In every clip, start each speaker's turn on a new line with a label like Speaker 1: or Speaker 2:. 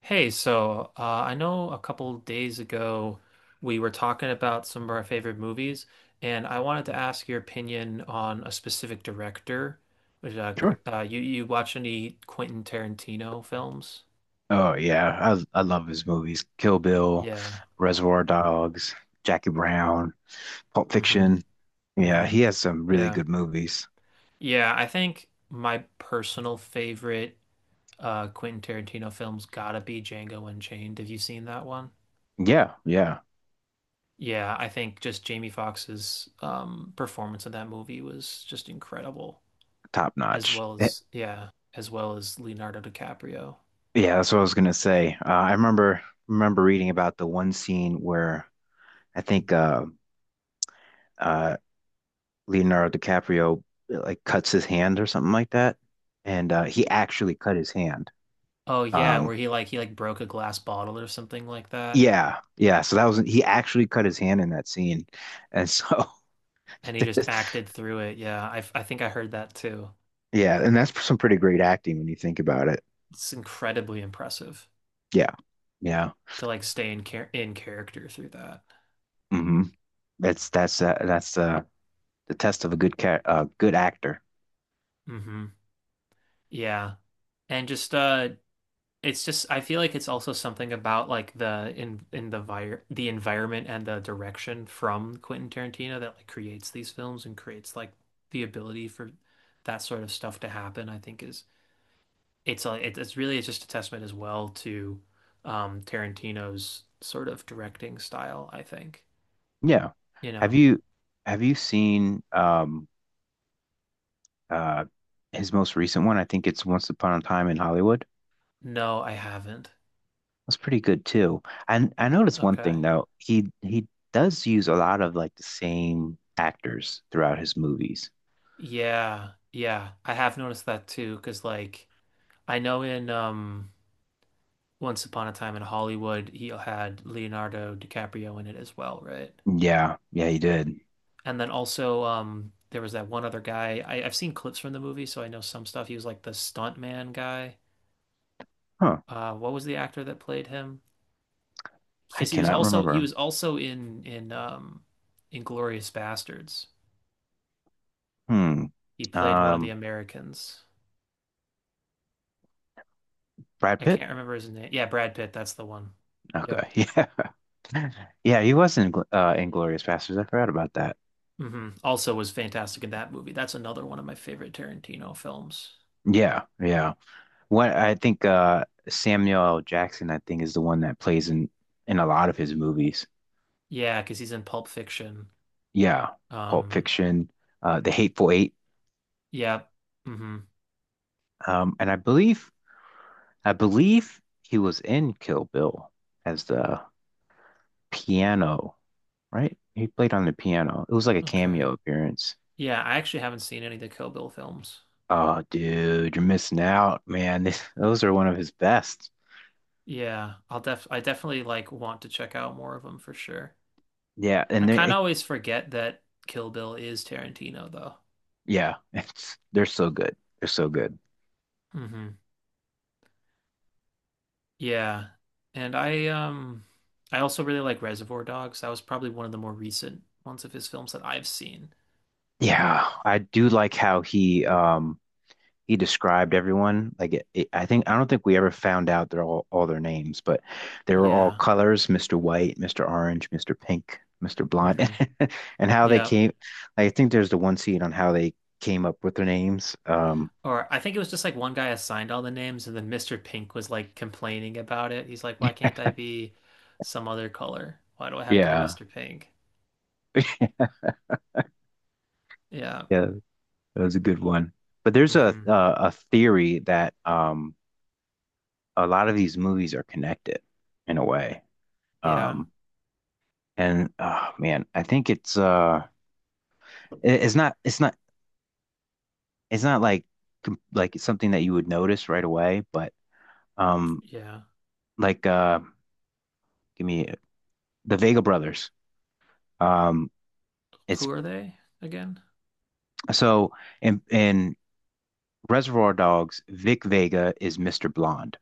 Speaker 1: Hey, I know a couple days ago we were talking about some of our favorite movies, and I wanted to ask your opinion on a specific director.
Speaker 2: Sure.
Speaker 1: You watch any Quentin Tarantino films?
Speaker 2: Oh yeah, I love his movies. Kill Bill,
Speaker 1: Yeah.
Speaker 2: Reservoir Dogs, Jackie Brown, Pulp
Speaker 1: Mm-hmm.
Speaker 2: Fiction. Yeah,
Speaker 1: Mm-hmm.
Speaker 2: he has some really
Speaker 1: Yeah.
Speaker 2: good movies.
Speaker 1: Yeah. I think my personal favorite Quentin Tarantino film's gotta be Django Unchained. Have you seen that one?
Speaker 2: Yeah, yeah,
Speaker 1: Yeah, I think just Jamie Foxx's performance in that movie was just incredible.
Speaker 2: top
Speaker 1: as
Speaker 2: notch.
Speaker 1: well as yeah, as well as Leonardo DiCaprio.
Speaker 2: Yeah, that's what I was gonna say. I remember reading about the one scene where I think uh, Leonardo DiCaprio like cuts his hand or something like that, and he actually cut his hand.
Speaker 1: Oh yeah,
Speaker 2: Um,
Speaker 1: where he like broke a glass bottle or something like that,
Speaker 2: yeah, yeah. So that was he actually cut his hand in that scene, and so.
Speaker 1: and he just
Speaker 2: there's,
Speaker 1: acted through it. Yeah, I think I heard that too.
Speaker 2: Yeah, and that's some pretty great acting when you think about it.
Speaker 1: It's incredibly impressive
Speaker 2: Yeah, yeah.
Speaker 1: to like stay in character through that.
Speaker 2: hmm that's the test of a good good actor.
Speaker 1: Hmm. Yeah, and just, I feel like it's also something about like the in the vir the environment and the direction from Quentin Tarantino that like creates these films and creates like the ability for that sort of stuff to happen. I think is it's a, it, it's really it's just a testament as well to Tarantino's sort of directing style, I think.
Speaker 2: Yeah.
Speaker 1: You
Speaker 2: Have
Speaker 1: know.
Speaker 2: you have you seen uh his most recent one? I think it's Once Upon a Time in Hollywood.
Speaker 1: No, I haven't.
Speaker 2: That's pretty good too. And I noticed one thing
Speaker 1: Okay.
Speaker 2: though. He does use a lot of like the same actors throughout his movies.
Speaker 1: Yeah. Yeah. I have noticed that too, 'cause like I know in Once Upon a Time in Hollywood, he had Leonardo DiCaprio in it as well, right?
Speaker 2: Yeah, yeah, he did.
Speaker 1: And then also, there was that one other guy. I've seen clips from the movie, so I know some stuff. He was like the stuntman guy.
Speaker 2: Huh.
Speaker 1: What was the actor that played him?
Speaker 2: I
Speaker 1: Because
Speaker 2: cannot
Speaker 1: he
Speaker 2: remember
Speaker 1: was also in Inglorious Bastards.
Speaker 2: him.
Speaker 1: He
Speaker 2: Hmm.
Speaker 1: played one of the
Speaker 2: Um,
Speaker 1: Americans.
Speaker 2: Brad
Speaker 1: I
Speaker 2: Pitt?
Speaker 1: can't remember his name. Yeah, Brad Pitt. That's the one. Yep.
Speaker 2: Okay. Yeah. Yeah, he was in Inglorious Bastards. I forgot about that.
Speaker 1: Hmm. Also was fantastic in that movie. That's another one of my favorite Tarantino films.
Speaker 2: Yeah, yeah. What I think Samuel L. Jackson, I think, is the one that plays in a lot of his movies.
Speaker 1: Yeah, because he's in Pulp Fiction.
Speaker 2: Yeah. Pulp
Speaker 1: Um,
Speaker 2: Fiction, The Hateful Eight.
Speaker 1: yeah. Hmm.
Speaker 2: And I believe he was in Kill Bill as the piano, right? He played on the piano. It was like a
Speaker 1: Okay.
Speaker 2: cameo appearance.
Speaker 1: Yeah, I actually haven't seen any of the Kill Bill films.
Speaker 2: Oh, dude, you're missing out, man. Those are one of his best.
Speaker 1: Yeah, I definitely like want to check out more of them for sure.
Speaker 2: Yeah,
Speaker 1: I
Speaker 2: and
Speaker 1: kind of
Speaker 2: they
Speaker 1: always forget that Kill Bill is Tarantino though.
Speaker 2: Yeah, it's they're so good. They're so good.
Speaker 1: Hmm. Yeah. And I, um, I also really like Reservoir Dogs. That was probably one of the more recent ones of his films that I've seen.
Speaker 2: Yeah, I do like how he described everyone. I think I don't think we ever found out their all their names, but they were all
Speaker 1: Yeah.
Speaker 2: colors, Mr. White, Mr. Orange, Mr. Pink, Mr. Blonde,
Speaker 1: Hmm.
Speaker 2: and how they
Speaker 1: Yeah.
Speaker 2: came. I think there's the one scene on how they came up with their names.
Speaker 1: Or I think it was just like one guy assigned all the names, and then Mr. Pink was like complaining about it. He's like, "Why can't I be some other color? Why do I have to be
Speaker 2: Yeah,
Speaker 1: Mr. Pink?" Yeah.
Speaker 2: yeah, that was a good one. But
Speaker 1: Hmm.
Speaker 2: a theory that a lot of these movies are connected in a way.
Speaker 1: Yeah.
Speaker 2: Um, And oh man, I think it- it's not it's not it's not like like something that you would notice right away, but um
Speaker 1: Yeah.
Speaker 2: like give me the Vega brothers. Um
Speaker 1: Who
Speaker 2: it's
Speaker 1: are they again?
Speaker 2: So in Reservoir Dogs, Vic Vega is Mr. Blonde.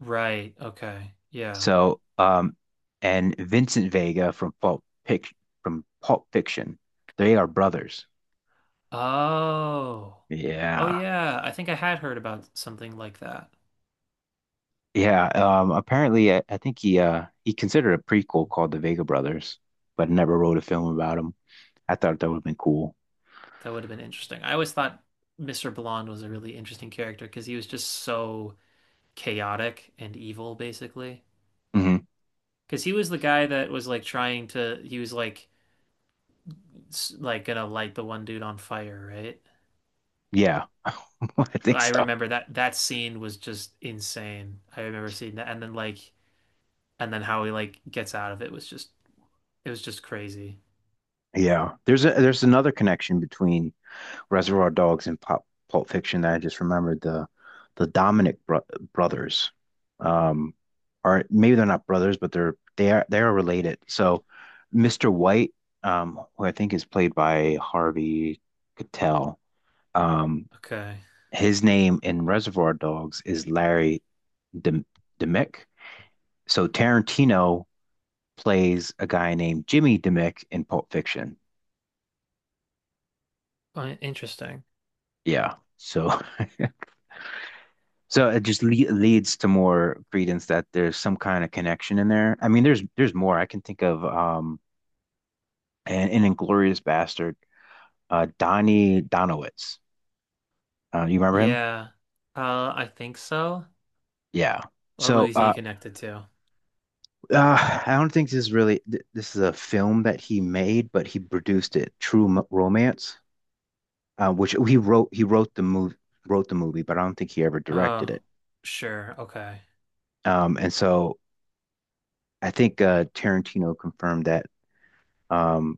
Speaker 1: Right. Okay. Yeah.
Speaker 2: So and Vincent Vega from Pulp Fiction, they are brothers.
Speaker 1: Oh. Oh
Speaker 2: Yeah.
Speaker 1: yeah. I think I had heard about something like that.
Speaker 2: Yeah, apparently I think he considered a prequel called The Vega Brothers, but never wrote a film about him. I thought that would have been cool.
Speaker 1: That would have been interesting. I always thought Mr. Blonde was a really interesting character because he was just so chaotic and evil, basically.
Speaker 2: hmm
Speaker 1: Because he was the guy that was like trying to, he was like gonna light the one dude on fire, right?
Speaker 2: Yeah, I think
Speaker 1: I
Speaker 2: so.
Speaker 1: remember that that scene was just insane. I remember seeing that, and then like, and then how he like gets out of it was just crazy.
Speaker 2: Yeah, there's another connection between Reservoir Dogs and Pop Pulp Fiction that I just remembered. The Dominic bro brothers, um, are maybe they're not brothers, but they are related. So, Mr. White, who I think is played by Harvey Keitel, um,
Speaker 1: Okay.
Speaker 2: his name in Reservoir Dogs is Larry Dem- Demick. So Tarantino plays a guy named Jimmy Demick in Pulp Fiction.
Speaker 1: Interesting.
Speaker 2: Yeah. So so it just leads to more credence that there's some kind of connection in there. I mean, there's more I can think of. And in Inglorious Bastard, Donnie Donowitz. You remember him?
Speaker 1: Yeah, I think so.
Speaker 2: Yeah.
Speaker 1: What
Speaker 2: So
Speaker 1: movies he connected to?
Speaker 2: I don't think this is really this is a film that he made, but he produced it. True Romance. Uh, which he wrote the movie, but I don't think he ever directed
Speaker 1: Oh,
Speaker 2: it.
Speaker 1: sure, okay.
Speaker 2: And I think Tarantino confirmed that um,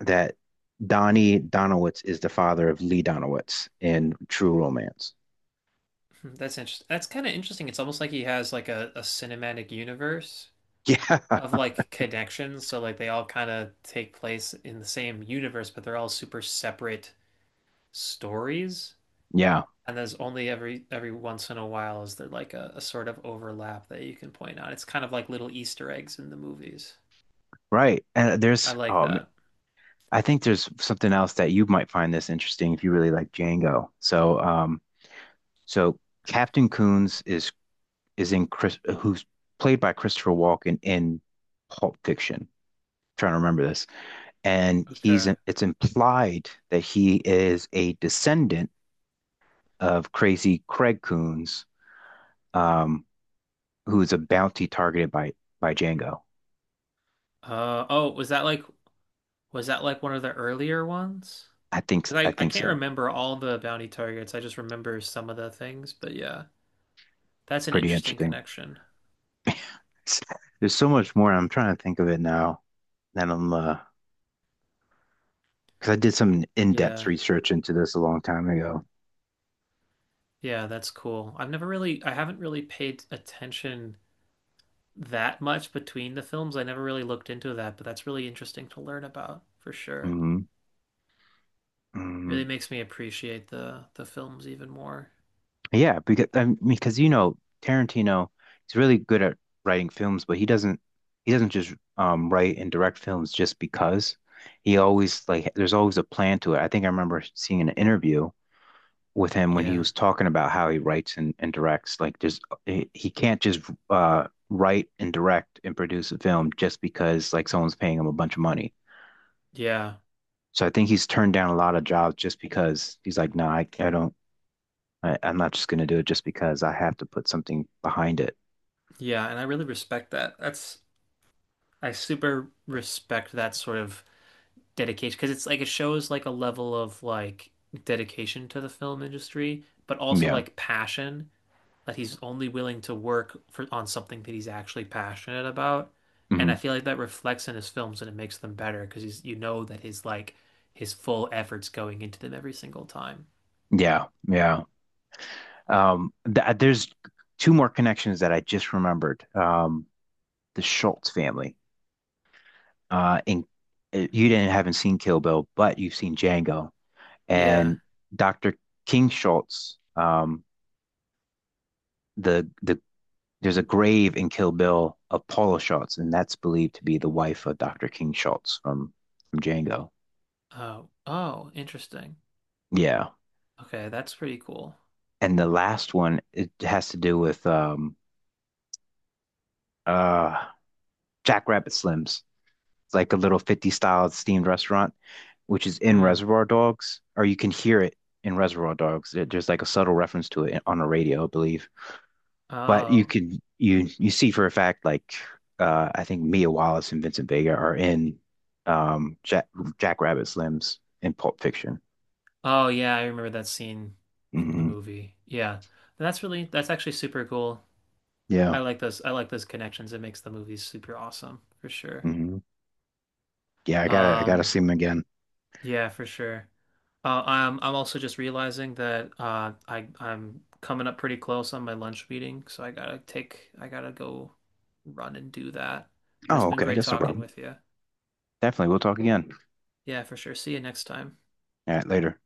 Speaker 2: that Donnie Donowitz is the father of Lee Donowitz in True Romance.
Speaker 1: Hmm, that's interesting. That's kind of interesting. It's almost like he has like a cinematic universe
Speaker 2: Yeah,
Speaker 1: of like connections. So like they all kind of take place in the same universe, but they're all super separate stories.
Speaker 2: yeah,
Speaker 1: And there's only every once in a while is there like a sort of overlap that you can point out. It's kind of like little Easter eggs in the movies.
Speaker 2: right. And
Speaker 1: I
Speaker 2: there's
Speaker 1: like that.
Speaker 2: I think there's something else that you might find this interesting if you really like Django. So so Captain Coons is in Chris who's played by Christopher Walken in Pulp Fiction. Trying to remember this. And he's
Speaker 1: Okay.
Speaker 2: it's implied that he is a descendant of Crazy Craig Coons, um, who's a bounty targeted by Django.
Speaker 1: Uh oh, was that like one of the earlier ones? 'Cause
Speaker 2: I
Speaker 1: I I
Speaker 2: think
Speaker 1: can't
Speaker 2: so.
Speaker 1: remember all the bounty targets. I just remember some of the things, but yeah. That's an
Speaker 2: Pretty
Speaker 1: interesting
Speaker 2: interesting.
Speaker 1: connection.
Speaker 2: It's- There's so much more. I'm trying to think of it now. That I'm Because I did some in-depth
Speaker 1: Yeah.
Speaker 2: research into this a long time ago.
Speaker 1: Yeah, that's cool. I haven't really paid attention that much between the films. I never really looked into that, but that's really interesting to learn about for sure.
Speaker 2: hmm
Speaker 1: Really makes me appreciate the films even more.
Speaker 2: Yeah, because I mean, because you know Tarantino, he's really good at writing films, but he doesn't just write and direct films just because. He always like there's always a plan to it. I think I remember seeing an interview with him when he
Speaker 1: Yeah.
Speaker 2: was talking about how he writes and directs. Like there's he can't just write and direct and produce a film just because like someone's paying him a bunch of money.
Speaker 1: Yeah.
Speaker 2: So I think he's turned down a lot of jobs just because he's like, no, I don't I'm not just going to do it just because I have to put something behind it.
Speaker 1: Yeah, and I really respect that. That's I super respect that sort of dedication because it's like it shows like a level of like dedication to the film industry, but also
Speaker 2: Yeah.
Speaker 1: like passion, that he's only willing to work for on something that he's actually passionate about. And
Speaker 2: hmm
Speaker 1: I feel like that reflects in his films and it makes them better because he's you know that his like his full effort's going into them every single time.
Speaker 2: Yeah. Yeah. Th There's two more connections that I just remembered. The Schultz family. In You didn't haven't seen Kill Bill, but you've seen Django
Speaker 1: Yeah.
Speaker 2: and Dr. King Schultz. The the there's a grave in Kill Bill of Paula Schultz, and that's believed to be the wife of Dr. King Schultz from Django.
Speaker 1: Oh. Oh, interesting.
Speaker 2: Yeah.
Speaker 1: Okay, that's pretty cool.
Speaker 2: And the last one, it has to do with uh Jackrabbit Slims. It's like a little 50s style themed restaurant, which is in
Speaker 1: Hmm.
Speaker 2: Reservoir Dogs, or you can hear it in Reservoir Dogs. There's like a subtle reference to it on the radio, I believe. But you
Speaker 1: Oh.
Speaker 2: can you you see for a fact like I think Mia Wallace and Vincent Vega are in um Jack Jack Rabbit Slims in Pulp Fiction.
Speaker 1: Oh yeah, I remember that scene from the
Speaker 2: hmm
Speaker 1: movie. Yeah. That's actually super cool.
Speaker 2: Yeah.
Speaker 1: I like those connections. It makes the movies super awesome for sure.
Speaker 2: hmm Yeah, I gotta
Speaker 1: Um,
Speaker 2: see him again.
Speaker 1: yeah, for sure. I'm also just realizing that I'm coming up pretty close on my lunch meeting, so I gotta go run and do that. But it's
Speaker 2: Oh,
Speaker 1: been
Speaker 2: okay,
Speaker 1: great
Speaker 2: that's no
Speaker 1: talking
Speaker 2: problem.
Speaker 1: with you.
Speaker 2: Definitely, we'll talk again.
Speaker 1: Yeah, for sure. See you next time.
Speaker 2: All right, later.